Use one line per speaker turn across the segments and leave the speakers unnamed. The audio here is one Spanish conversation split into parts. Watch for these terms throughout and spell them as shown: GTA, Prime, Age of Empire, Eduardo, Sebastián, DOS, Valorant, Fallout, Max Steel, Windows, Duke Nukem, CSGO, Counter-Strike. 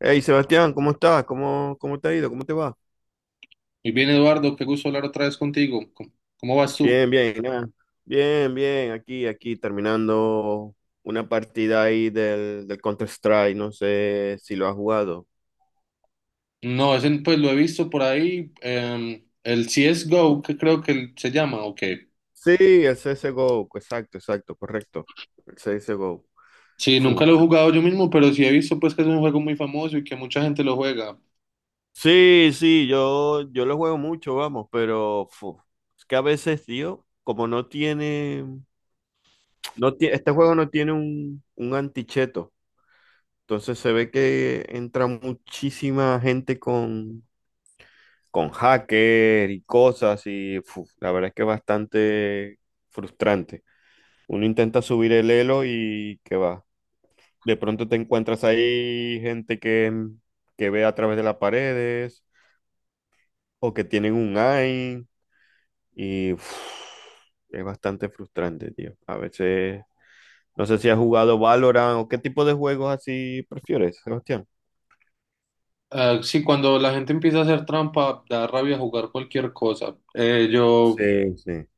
Hey Sebastián, ¿cómo estás? ¿Cómo te ha ido? ¿Cómo te va?
Muy bien, Eduardo, qué gusto hablar otra vez contigo. ¿Cómo vas tú?
Bien, bien, nada. Bien, bien, terminando una partida ahí del Counter-Strike, no sé si lo has jugado.
No, ese, pues lo he visto por ahí, el CSGO, que creo que se llama, o qué.
Sí, el CSGO, exacto, exacto, correcto. El CSGO.
Sí, nunca
Fu,
lo he
pues.
jugado yo mismo, pero sí he visto pues que es un juego muy famoso y que mucha gente lo juega.
Sí, sí, yo lo juego mucho, vamos, pero fu, es que a veces, tío, como no tiene, no tie- este juego no tiene un anticheto. Entonces se ve que entra muchísima gente con hacker y cosas y fu, la verdad es que es bastante frustrante. Uno intenta subir el elo y que va. De pronto te encuentras ahí gente que que ve a través de las paredes o que tienen un eye y fu, es bastante frustrante, tío. A veces, no sé si has jugado Valorant o qué tipo de juegos así prefieres, Sebastián.
Ah, sí, cuando la gente empieza a hacer trampa, da rabia jugar cualquier cosa. Eh, yo,
Sí, sí.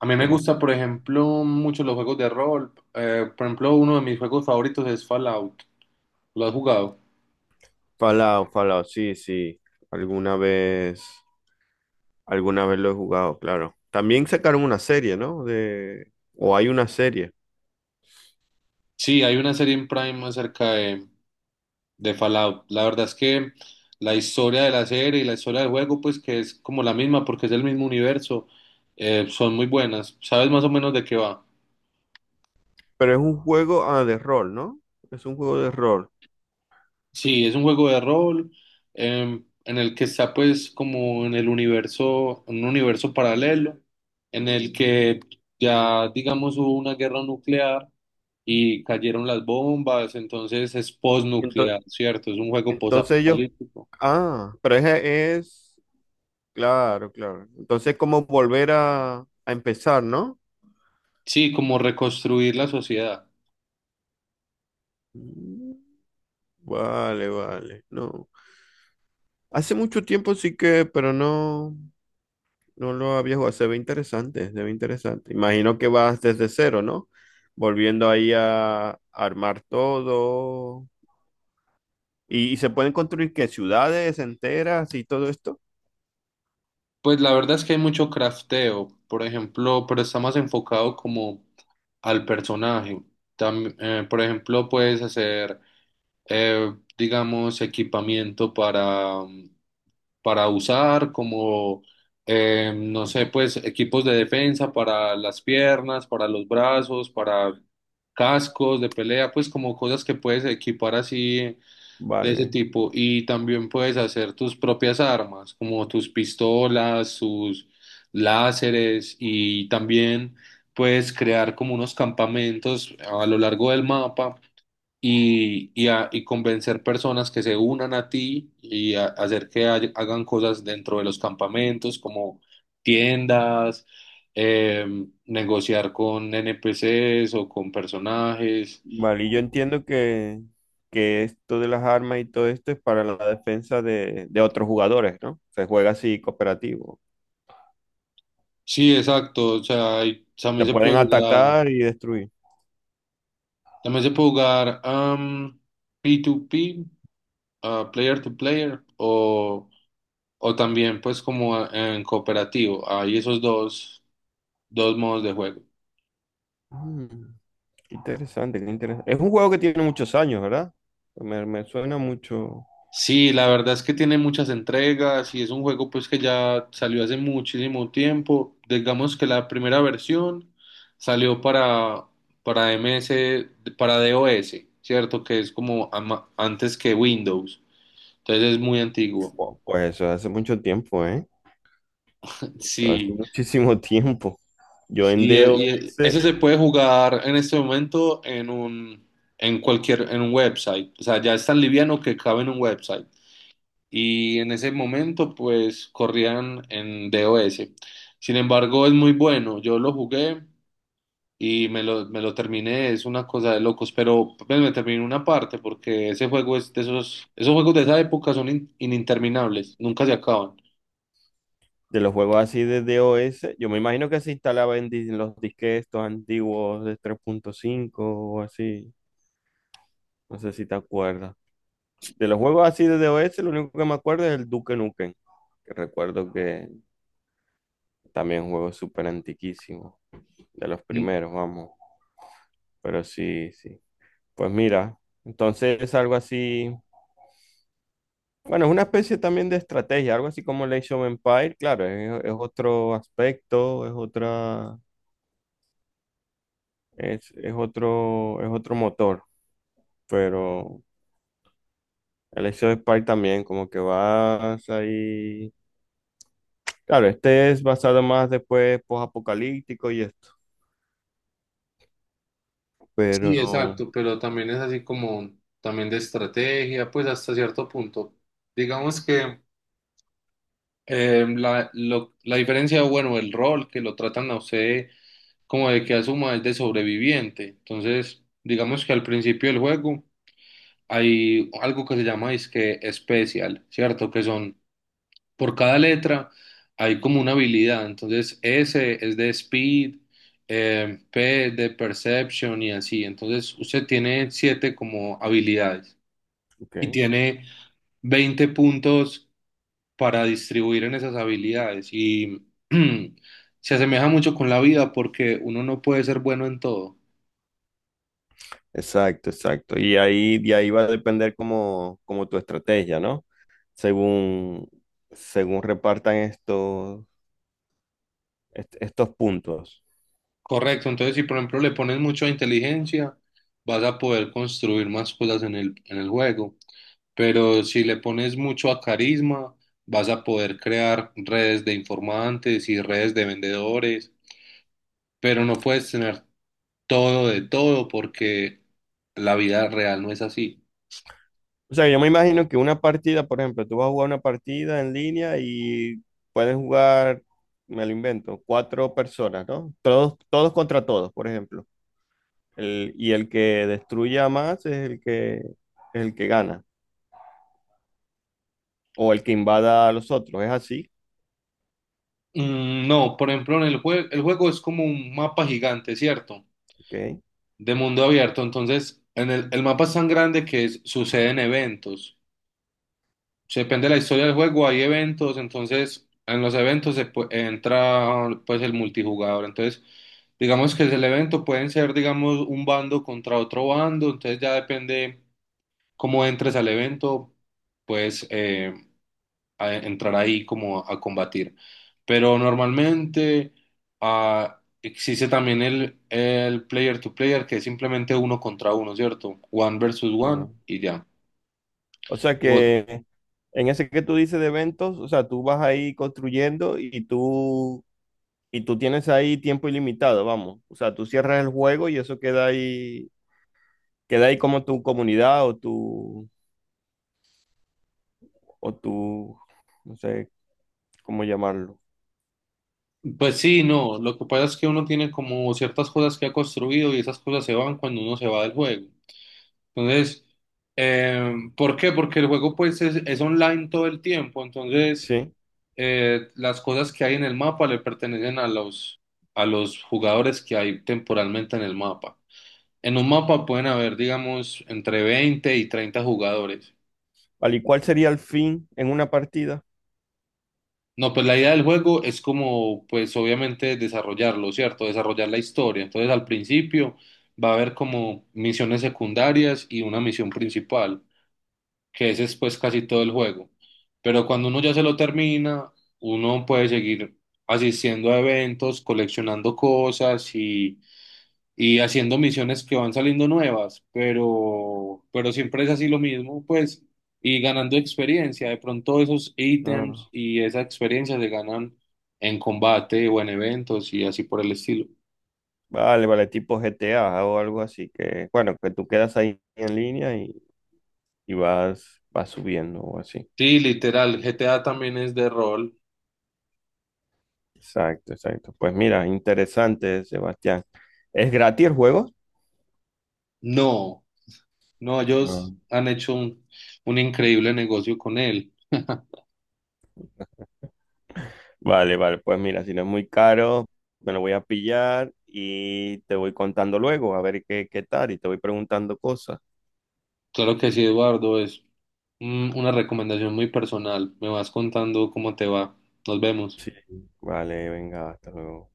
a mí me
Demás.
gusta, por ejemplo, mucho los juegos de rol. Por ejemplo, uno de mis juegos favoritos es Fallout. ¿Lo has jugado?
Fallout, Fallout, sí, sí. Alguna vez, alguna vez lo he jugado, claro. También sacaron una serie, ¿no? De, o hay una serie,
Sí, hay una serie en Prime acerca de Fallout. La verdad es que la historia de la serie y la historia del juego, pues que es como la misma porque es el mismo universo, son muy buenas. ¿Sabes más o menos de qué va?
pero es un juego de rol, ¿no? Es un juego de rol.
Sí, es un juego de rol en el que está pues como en el universo, un universo paralelo, en el que ya digamos hubo una guerra nuclear y cayeron las bombas, entonces es
Entonces,
postnuclear, ¿cierto? Es un juego
entonces ellos,
posapocalíptico.
pero claro, claro. Entonces, cómo volver a empezar, ¿no?
Sí, como reconstruir la sociedad.
Mm, vale, vale, no. Hace mucho tiempo sí que, pero no. No lo había jugado, se ve interesante, se ve interesante. Imagino que vas desde cero, ¿no? Volviendo ahí a armar todo. ¿Y se pueden construir qué? ¿Ciudades enteras y todo esto?
Pues la verdad es que hay mucho crafteo, por ejemplo, pero está más enfocado como al personaje. Por ejemplo, puedes hacer, digamos, equipamiento para usar, como, no sé, pues equipos de defensa para las piernas, para los brazos, para cascos de pelea, pues como cosas que puedes equipar así de ese
Vale,
tipo. Y también puedes hacer tus propias armas, como tus pistolas, sus láseres, y también puedes crear como unos campamentos a lo largo del mapa y convencer personas que se unan a ti y hacer que hagan cosas dentro de los campamentos, como tiendas. Negociar con NPCs o con personajes.
vale. Y yo entiendo que esto de las armas y todo esto es para la defensa de otros jugadores, ¿no? Se juega así cooperativo.
Sí, exacto. O sea, y también
Se
se puede
pueden
jugar.
atacar y destruir.
Também se pode jogar P2P, player to player, o también pues como en cooperativo. Hay esos dos, dos modos de juego.
Mm, qué interesante, qué interesante. Es un juego que tiene muchos años, ¿verdad? Me suena mucho.
Sí, la verdad es que tiene muchas entregas y es un juego pues que ya salió hace muchísimo tiempo. Digamos que la primera versión salió para MS para DOS, ¿cierto? Que es como antes que Windows. Entonces es muy antiguo.
Wow, pues eso hace mucho tiempo, ¿eh? Hace
Sí.
muchísimo tiempo. Yo en
Y,
DOS,
y ese se puede jugar en este momento en un website. O sea, ya es tan liviano que cabe en un website. Y en ese momento, pues, corrían en DOS. Sin embargo, es muy bueno. Yo lo jugué y me lo terminé. Es una cosa de locos. Pero pues, me terminé una parte porque ese juego es de esos juegos de esa época son ininterminables. Nunca se acaban.
de los juegos así de DOS, yo me imagino que se instalaba en, los disques estos antiguos de 3.5 o así. No sé si te acuerdas. De los juegos así de DOS, lo único que me acuerdo es el Duke Nukem, que recuerdo que también es un juego súper antiquísimo, de los primeros, vamos. Pero sí, sí. Pues mira, entonces es algo así. Bueno, es una especie también de estrategia, algo así como el Age of Empire, claro, es otro aspecto, es otra, es otro motor, pero el Age of Empire también, como que vas ahí. Claro, este es basado más después post-apocalíptico y esto,
Sí,
pero,
exacto, pero también es así como también de estrategia, pues hasta cierto punto. Digamos que la diferencia, bueno, el rol que lo tratan a usted como de que asuma es de sobreviviente. Entonces, digamos que al principio del juego hay algo que se llama que especial, ¿cierto? Que son por cada letra hay como una habilidad. Entonces, S es de speed, P de perception y así. Entonces, usted tiene siete como habilidades
ok,
y tiene 20 puntos para distribuir en esas habilidades. Y se asemeja mucho con la vida porque uno no puede ser bueno en todo.
exacto, exacto. Y ahí, de ahí va a depender como tu estrategia, ¿no? Según, según repartan estos puntos.
Correcto, entonces si por ejemplo le pones mucha inteligencia, vas a poder construir más cosas en el juego, pero si le pones mucho a carisma, vas a poder crear redes de informantes y redes de vendedores, pero no puedes tener todo de todo porque la vida real no es así.
O sea, yo me imagino que una partida, por ejemplo, tú vas a jugar una partida en línea y pueden jugar, me lo invento, cuatro personas, ¿no? Todos contra todos, por ejemplo. Y el que destruya más es es el que gana, o el que invada a los otros, es así,
No, por ejemplo, en el juego es como un mapa gigante, ¿cierto?
¿ok?
De mundo abierto. Entonces, en el mapa es tan grande que suceden eventos. Depende de la historia del juego, hay eventos, entonces en los eventos entra pues el multijugador, entonces digamos que es el evento, pueden ser digamos un bando contra otro bando, entonces ya depende cómo entres al evento, pues entrar ahí como a combatir. Pero normalmente existe también el player to player, que es simplemente uno contra uno, ¿cierto? One versus one
Ah.
y ya.
O sea que en ese que tú dices de eventos, o sea, tú vas ahí construyendo y tú tienes ahí tiempo ilimitado, vamos. O sea, tú cierras el juego y eso queda ahí como tu comunidad o tu, no sé cómo llamarlo.
Pues sí, no, lo que pasa es que uno tiene como ciertas cosas que ha construido y esas cosas se van cuando uno se va del juego. Entonces, ¿por qué? Porque el juego pues es online todo el tiempo, entonces
¿Sí?
las cosas que hay en el mapa le pertenecen a los jugadores que hay temporalmente en el mapa. En un mapa pueden haber, digamos, entre 20 y 30 jugadores.
Vale, ¿y cuál sería el fin en una partida?
No, pues la idea del juego es como, pues obviamente desarrollarlo, ¿cierto? Desarrollar la historia. Entonces al principio va a haber como misiones secundarias y una misión principal, que ese es pues casi todo el juego. Pero cuando uno ya se lo termina, uno puede seguir asistiendo a eventos, coleccionando cosas y haciendo misiones que van saliendo nuevas, pero siempre es así lo mismo, pues, y ganando experiencia. De pronto esos ítems
Ah,
y esa experiencia se ganan en combate o en eventos y así por el estilo.
vale, vale, tipo GTA o algo así que, bueno, que tú quedas ahí en línea y vas subiendo o así.
Sí, literal, GTA también es de rol.
Exacto, exacto. Pues mira, interesante, Sebastián. ¿Es gratis el juego?
No, no, ellos
No.
han hecho un increíble negocio con él.
Vale, vale, pues mira, si no es muy caro, me lo voy a pillar y te voy contando luego a ver qué tal y te voy preguntando cosas.
Claro que sí, Eduardo, es una recomendación muy personal. Me vas contando cómo te va. Nos vemos.
Sí, vale, venga, hasta luego.